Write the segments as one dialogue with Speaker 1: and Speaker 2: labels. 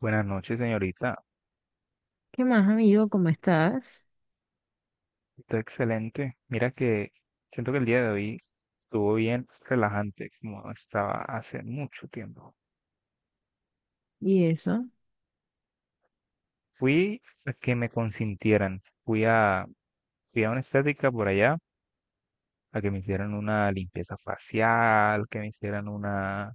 Speaker 1: Buenas noches, señorita.
Speaker 2: ¿Qué más, amigo? ¿Cómo estás?
Speaker 1: Está excelente. Mira que siento que el día de hoy estuvo bien relajante, como no estaba hace mucho tiempo.
Speaker 2: Y eso.
Speaker 1: Fui a que me consintieran. Fui a una estética por allá, a que me hicieran una limpieza facial, que me hicieran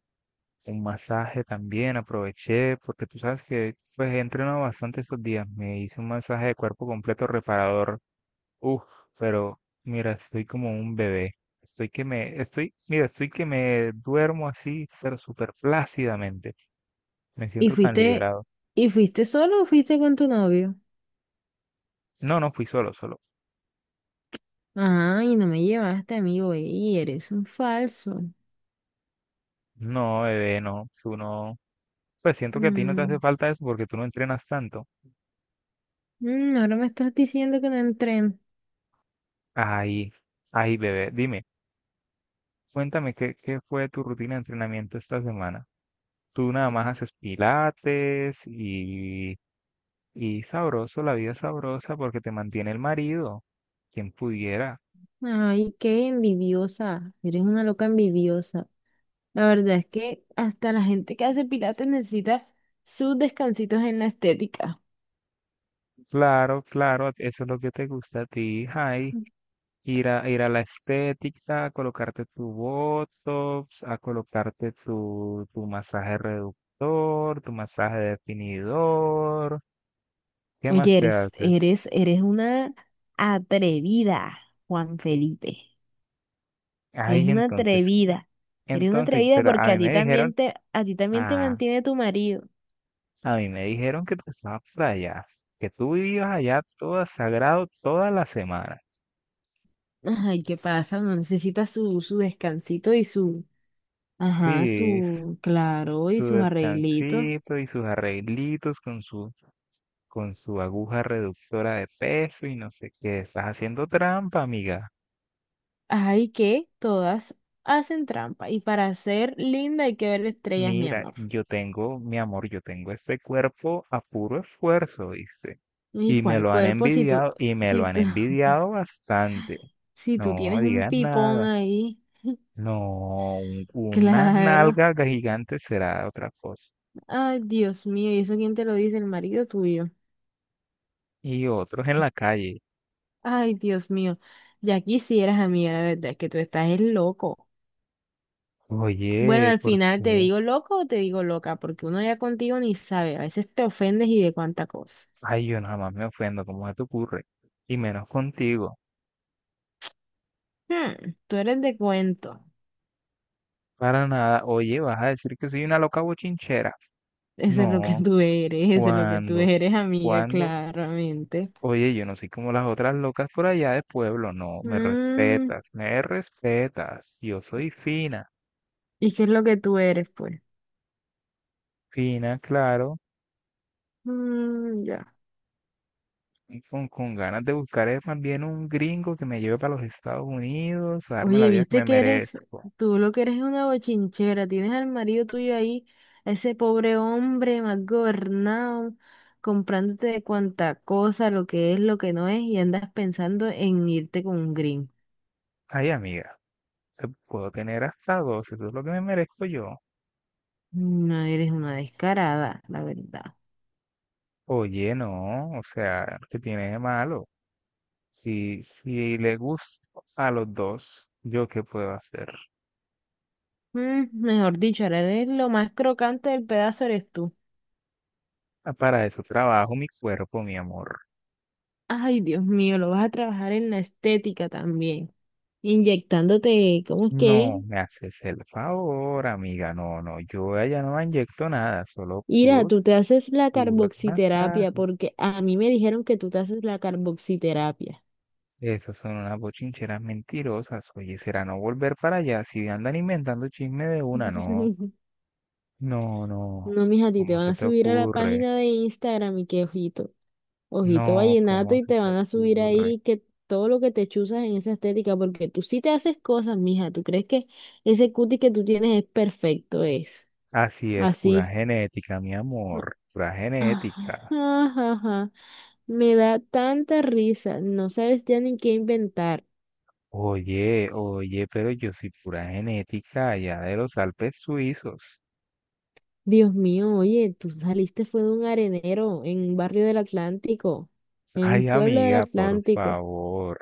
Speaker 1: un masaje también. Aproveché, porque tú sabes que pues he entrenado bastante estos días. Me hice un masaje de cuerpo completo reparador. Uf, pero mira, estoy como un bebé. Estoy que me, estoy, mira, estoy que me duermo así, pero súper plácidamente. Me
Speaker 2: ¿Y
Speaker 1: siento tan
Speaker 2: fuiste,
Speaker 1: liberado.
Speaker 2: y fuiste solo o fuiste con tu novio?
Speaker 1: No, no fui solo, solo.
Speaker 2: Ah, y no me llevaste, amigo, y eres un falso.
Speaker 1: No, bebé, no, tú no. Pues siento que a ti no te hace
Speaker 2: Mm,
Speaker 1: falta eso porque tú no entrenas tanto.
Speaker 2: ahora me estás diciendo que no entren.
Speaker 1: Ay, ay, bebé, dime, cuéntame qué fue tu rutina de entrenamiento esta semana. Tú nada más haces pilates y sabroso, la vida es sabrosa porque te mantiene el marido. Quien pudiera.
Speaker 2: Ay, qué envidiosa. Eres una loca envidiosa. La verdad es que hasta la gente que hace pilates necesita sus descansitos en la estética.
Speaker 1: Claro, claro, eso es lo que te gusta a ti, Jai. Ir a la estética, a colocarte tu Botox, a colocarte tu masaje reductor, tu masaje definidor. ¿Qué más
Speaker 2: Oye,
Speaker 1: te
Speaker 2: eres,
Speaker 1: haces?
Speaker 2: eres, eres una atrevida, Juan Felipe. Eres
Speaker 1: Ay,
Speaker 2: una
Speaker 1: entonces, ¿qué?
Speaker 2: atrevida. Eres una
Speaker 1: Entonces,
Speaker 2: atrevida
Speaker 1: pero a
Speaker 2: porque a
Speaker 1: mí
Speaker 2: ti
Speaker 1: me dijeron,
Speaker 2: también te, a ti también te
Speaker 1: ah,
Speaker 2: mantiene tu marido.
Speaker 1: a mí me dijeron que tú estabas por allá, que tú vivías allá todo sagrado toda la semana.
Speaker 2: Ay, ¿qué pasa? Uno necesita su descansito y su, ajá,
Speaker 1: Sí,
Speaker 2: su, claro, y
Speaker 1: su
Speaker 2: sus arreglitos.
Speaker 1: descansito y sus arreglitos con su aguja reductora de peso y no sé qué. Estás haciendo trampa, amiga.
Speaker 2: Ay, que todas hacen trampa. Y para ser linda hay que ver estrellas, mi
Speaker 1: Mira,
Speaker 2: amor.
Speaker 1: yo tengo, mi amor, yo tengo este cuerpo a puro esfuerzo, dice.
Speaker 2: ¿Y
Speaker 1: Y me
Speaker 2: cuál
Speaker 1: lo han
Speaker 2: cuerpo si tú,
Speaker 1: envidiado, y me lo
Speaker 2: si
Speaker 1: han
Speaker 2: tú,
Speaker 1: envidiado bastante.
Speaker 2: si tú
Speaker 1: No
Speaker 2: tienes un
Speaker 1: digas
Speaker 2: pipón
Speaker 1: nada.
Speaker 2: ahí?
Speaker 1: No, una
Speaker 2: Claro.
Speaker 1: nalga gigante será otra cosa.
Speaker 2: Ay, Dios mío, ¿y eso quién te lo dice? El marido tuyo.
Speaker 1: Y otros en la calle.
Speaker 2: Ay, Dios mío, ya quisieras, amiga, la verdad es que tú estás es loco. Bueno,
Speaker 1: Oye,
Speaker 2: al
Speaker 1: ¿por
Speaker 2: final te
Speaker 1: qué?
Speaker 2: digo loco o te digo loca, porque uno ya contigo ni sabe, a veces te ofendes y de cuánta cosa.
Speaker 1: Ay, yo nada más me ofendo, ¿cómo se te ocurre? Y menos contigo.
Speaker 2: Tú eres de cuento,
Speaker 1: Para nada. Oye, ¿vas a decir que soy una loca bochinchera?
Speaker 2: eso es lo que
Speaker 1: No,
Speaker 2: tú eres, eso es lo que tú
Speaker 1: ¿cuándo?
Speaker 2: eres, amiga,
Speaker 1: ¿Cuándo?
Speaker 2: claramente.
Speaker 1: Oye, yo no soy como las otras locas por allá de pueblo. No, me
Speaker 2: Mm,
Speaker 1: respetas, me respetas. Yo soy fina,
Speaker 2: ¿y qué es lo que tú eres, pues?
Speaker 1: fina, claro.
Speaker 2: Mm, ya.
Speaker 1: Y con ganas de buscar más bien un gringo que me lleve para los Estados Unidos, a darme la
Speaker 2: Oye,
Speaker 1: vida que
Speaker 2: viste
Speaker 1: me
Speaker 2: que eres,
Speaker 1: merezco.
Speaker 2: tú lo que eres es una bochinchera, tienes al marido tuyo ahí, a ese pobre hombre mal gobernado, comprándote de cuanta cosa, lo que es, lo que no es, y andas pensando en irte con un green.
Speaker 1: Ay, amiga, te puedo tener hasta dos, eso es lo que me merezco yo.
Speaker 2: No eres una descarada, la verdad.
Speaker 1: Oye, no, o sea, ¿qué tiene de malo? Si le gusta a los dos, ¿yo qué puedo hacer?
Speaker 2: Mm, mejor dicho, ahora eres lo más crocante del pedazo eres tú.
Speaker 1: Ah, para eso trabajo mi cuerpo, mi amor.
Speaker 2: Ay, Dios mío, lo vas a trabajar en la estética también, inyectándote, ¿cómo es que?
Speaker 1: No
Speaker 2: ¿Es?
Speaker 1: me haces el favor, amiga. No, no, yo allá no inyecto nada, solo
Speaker 2: Ira, tú te haces la
Speaker 1: puros
Speaker 2: carboxiterapia
Speaker 1: masajes.
Speaker 2: porque a mí me dijeron que tú te haces la carboxiterapia.
Speaker 1: Esos son unas bochincheras mentirosas. Oye, será no volver para allá si andan inventando chisme de una, no. No, no.
Speaker 2: No, mija, a ti te
Speaker 1: ¿Cómo
Speaker 2: van
Speaker 1: se
Speaker 2: a
Speaker 1: te
Speaker 2: subir a la
Speaker 1: ocurre?
Speaker 2: página de Instagram y que ojito, ojito
Speaker 1: No,
Speaker 2: vallenato
Speaker 1: ¿cómo
Speaker 2: y
Speaker 1: se
Speaker 2: te
Speaker 1: te
Speaker 2: van a subir
Speaker 1: ocurre?
Speaker 2: ahí que todo lo que te chuzas en esa estética porque tú sí te haces cosas, mija. ¿Tú crees que ese cuti que tú tienes es perfecto? Es
Speaker 1: Así es, pura
Speaker 2: así.
Speaker 1: genética, mi amor, pura
Speaker 2: Ah,
Speaker 1: genética.
Speaker 2: ajá, ajá. Me da tanta risa, no sabes ya ni qué inventar.
Speaker 1: Oye, pero yo soy pura genética allá de los Alpes suizos.
Speaker 2: Dios mío, oye, tú saliste fue de un arenero en un barrio del Atlántico, en un
Speaker 1: Ay,
Speaker 2: pueblo del
Speaker 1: amiga, por
Speaker 2: Atlántico.
Speaker 1: favor.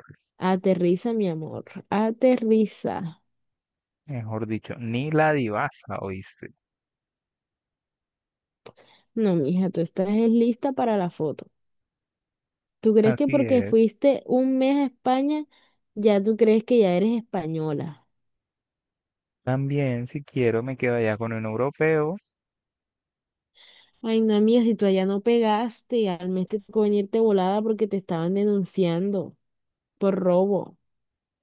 Speaker 2: Aterriza, mi amor, aterriza.
Speaker 1: Mejor dicho, ni la divasa, ¿oíste?
Speaker 2: No, mija, tú estás es lista para la foto. ¿Tú crees que
Speaker 1: Así
Speaker 2: porque
Speaker 1: es.
Speaker 2: fuiste un mes a España, ya tú crees que ya eres española?
Speaker 1: También, si quiero, me quedo allá con un europeo.
Speaker 2: Ay, no, amiga, si tú allá no pegaste, al mes te tocó venirte volada porque te estaban denunciando por robo.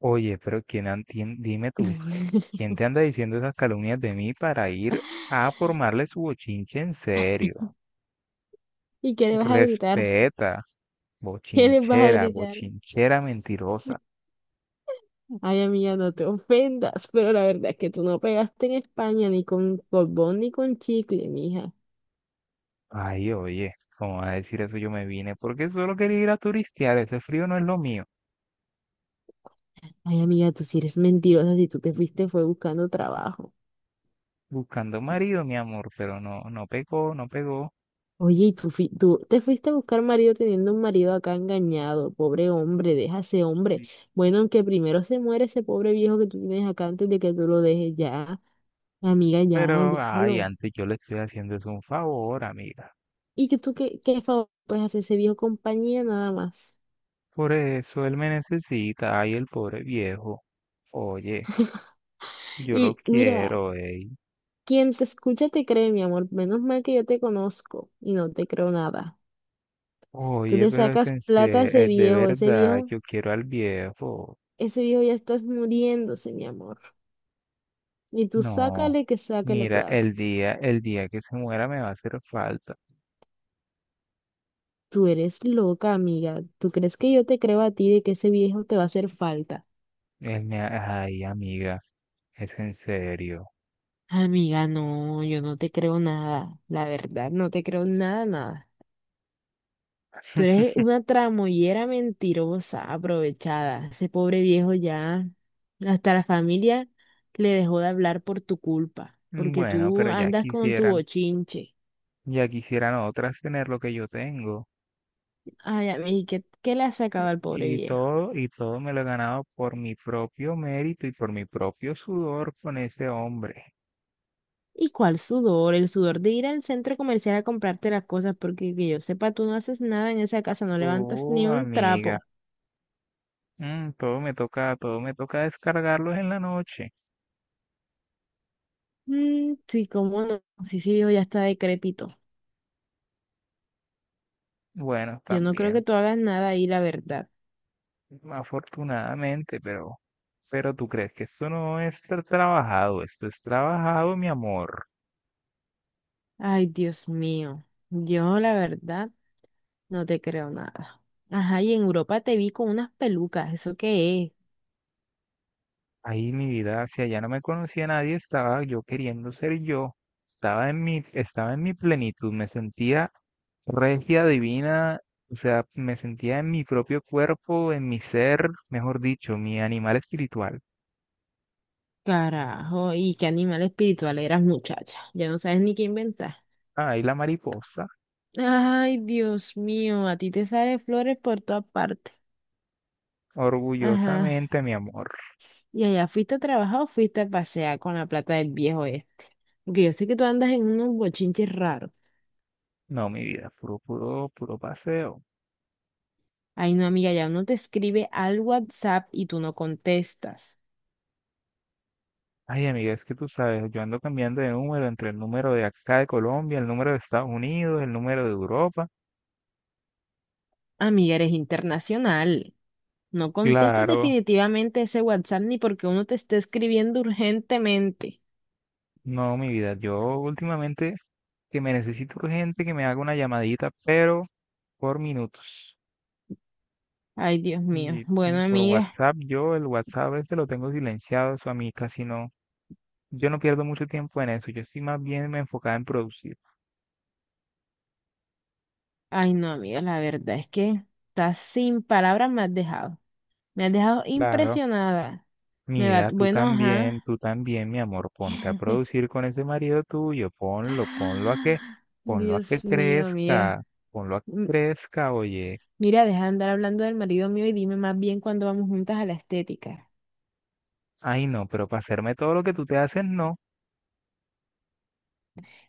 Speaker 1: Oye, pero dime tú, ¿quién te anda diciendo esas calumnias de mí para ir a formarle su bochinche en serio?
Speaker 2: ¿Y qué le vas a gritar?
Speaker 1: Respeta.
Speaker 2: ¿Qué les vas a
Speaker 1: Bochinchera,
Speaker 2: gritar?
Speaker 1: bochinchera mentirosa.
Speaker 2: Ay, amiga, no te ofendas, pero la verdad es que tú no pegaste en España ni con colbón ni con chicle, mija.
Speaker 1: Ay, oye, ¿cómo vas a decir eso? Yo me vine porque solo quería ir a turistear. Ese frío no es lo mío.
Speaker 2: Ay, amiga, tú sí eres mentirosa, si tú te fuiste fue buscando trabajo.
Speaker 1: Buscando marido, mi amor, pero no, no pegó, no pegó.
Speaker 2: Oye, y tú, tú te fuiste a buscar marido teniendo un marido acá engañado, pobre hombre, deja a ese hombre.
Speaker 1: Sí,
Speaker 2: Bueno, aunque primero se muere ese pobre viejo que tú tienes acá antes de que tú lo dejes ya, amiga, ya,
Speaker 1: pero, ay,
Speaker 2: déjalo.
Speaker 1: antes yo le estoy haciendo es un favor, amiga.
Speaker 2: ¿Y que tú qué, favor puedes hacer ese viejo compañía nada más?
Speaker 1: Por eso él me necesita, ay, el pobre viejo. Oye, yo lo
Speaker 2: Y mira.
Speaker 1: quiero, ey.
Speaker 2: Quien te escucha te cree, mi amor. Menos mal que yo te conozco y no te creo nada. Tú
Speaker 1: Oye,
Speaker 2: le
Speaker 1: pero
Speaker 2: sacas plata a ese
Speaker 1: es de
Speaker 2: viejo,
Speaker 1: verdad, yo quiero al viejo.
Speaker 2: ya estás muriéndose, mi amor. Y tú
Speaker 1: No,
Speaker 2: sácale que sácale
Speaker 1: mira,
Speaker 2: plata.
Speaker 1: el día que se muera me va a hacer falta.
Speaker 2: Tú eres loca, amiga. ¿Tú crees que yo te creo a ti de que ese viejo te va a hacer falta?
Speaker 1: Ay, amiga, es en serio.
Speaker 2: Amiga, no, yo no te creo nada. La verdad, no te creo nada, nada. Tú eres una tramoyera mentirosa, aprovechada. Ese pobre viejo ya, hasta la familia le dejó de hablar por tu culpa, porque
Speaker 1: Bueno,
Speaker 2: tú
Speaker 1: pero
Speaker 2: andas con tu bochinche.
Speaker 1: ya quisieran otras tener lo que yo tengo.
Speaker 2: Ay, a mí, ¿qué le has sacado al pobre viejo?
Speaker 1: Y todo me lo he ganado por mi propio mérito y por mi propio sudor con ese hombre.
Speaker 2: ¿Y cuál sudor? El sudor de ir al centro comercial a comprarte las cosas, porque que yo sepa, tú no haces nada en esa casa, no levantas
Speaker 1: Oh,
Speaker 2: ni un
Speaker 1: amiga,
Speaker 2: trapo.
Speaker 1: todo me toca descargarlos en la noche.
Speaker 2: Mm, sí, cómo no. Sí, sí, viejo, ya está decrépito.
Speaker 1: Bueno,
Speaker 2: Yo no creo que
Speaker 1: también.
Speaker 2: tú hagas nada ahí, la verdad.
Speaker 1: Afortunadamente, pero tú crees que esto no es trabajado, esto es trabajado, mi amor.
Speaker 2: Ay, Dios mío, yo la verdad no te creo nada. Ajá, y en Europa te vi con unas pelucas, ¿eso qué es?
Speaker 1: Ahí mi vida, si allá no me conocía nadie, estaba yo queriendo ser yo, estaba en mi plenitud, me sentía regia, divina, o sea, me sentía en mi propio cuerpo, en mi ser, mejor dicho, mi animal espiritual.
Speaker 2: Carajo, y qué animal espiritual eras, muchacha. Ya no sabes ni qué inventar.
Speaker 1: Ahí la mariposa,
Speaker 2: Ay, Dios mío, a ti te salen flores por todas partes. Ajá,
Speaker 1: orgullosamente, mi amor.
Speaker 2: y allá fuiste a trabajar o fuiste a pasear con la plata del viejo este. Porque yo sé que tú andas en unos bochinches raros.
Speaker 1: No, mi vida, puro, puro, puro paseo.
Speaker 2: Ay, no, amiga, ya uno te escribe al WhatsApp y tú no contestas.
Speaker 1: Ay, amiga, es que tú sabes, yo ando cambiando de número entre el número de acá de Colombia, el número de Estados Unidos, el número de Europa.
Speaker 2: Amiga, eres internacional. No contestas
Speaker 1: Claro,
Speaker 2: definitivamente ese WhatsApp ni porque uno te esté escribiendo urgentemente.
Speaker 1: no, mi vida, yo últimamente que me necesito urgente que me haga una llamadita, pero por minutos.
Speaker 2: Ay, Dios mío.
Speaker 1: Y
Speaker 2: Bueno,
Speaker 1: y por
Speaker 2: amiga.
Speaker 1: WhatsApp, yo el WhatsApp este lo tengo silenciado, eso a mí casi no. Yo no pierdo mucho tiempo en eso, yo estoy más bien me enfocada en producir.
Speaker 2: Ay, no, amiga, la verdad es que estás sin palabras, me has dejado. Me has dejado
Speaker 1: Claro.
Speaker 2: impresionada. Me va,
Speaker 1: Mira,
Speaker 2: bueno, ajá.
Speaker 1: tú también, mi amor, ponte a producir con ese marido tuyo, ponlo,
Speaker 2: Ah,
Speaker 1: ponlo a que
Speaker 2: Dios mío, amiga.
Speaker 1: crezca, ponlo a que
Speaker 2: M-
Speaker 1: crezca, oye.
Speaker 2: Mira, deja de andar hablando del marido mío y dime más bien cuándo vamos juntas a la estética.
Speaker 1: Ay, no, pero para hacerme todo lo que tú te haces, no.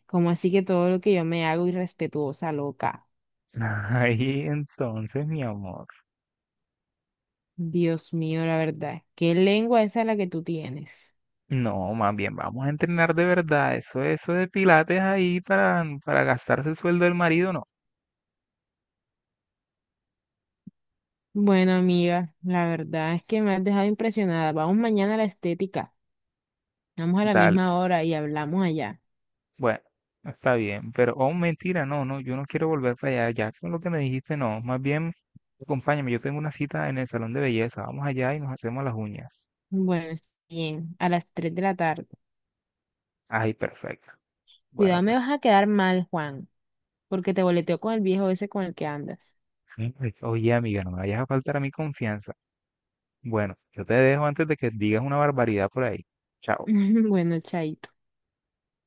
Speaker 2: Como así que todo lo que yo me hago irrespetuosa, loca.
Speaker 1: Ay, entonces, mi amor.
Speaker 2: Dios mío, la verdad. ¿Qué lengua esa la que tú tienes?
Speaker 1: No, más bien, vamos a entrenar de verdad. Eso de pilates ahí para gastarse el sueldo del marido, no.
Speaker 2: Bueno, amiga, la verdad es que me has dejado impresionada. Vamos mañana a la estética. Vamos a la
Speaker 1: Dale.
Speaker 2: misma hora y hablamos allá.
Speaker 1: Bueno, está bien, pero, oh, mentira, no, no, yo no quiero volver para allá, ya con lo que me dijiste, no, más bien, acompáñame, yo tengo una cita en el salón de belleza, vamos allá y nos hacemos las uñas.
Speaker 2: Bueno, está bien, a las 3 de la tarde.
Speaker 1: Ay, perfecto. Bueno,
Speaker 2: Cuidado, me vas
Speaker 1: pues,
Speaker 2: a quedar mal, Juan, porque te boleteo con el viejo ese con el que andas.
Speaker 1: ay, oye, amiga, no me vayas a faltar a mi confianza. Bueno, yo te dejo antes de que digas una barbaridad por ahí. Chao.
Speaker 2: Bueno, chaito.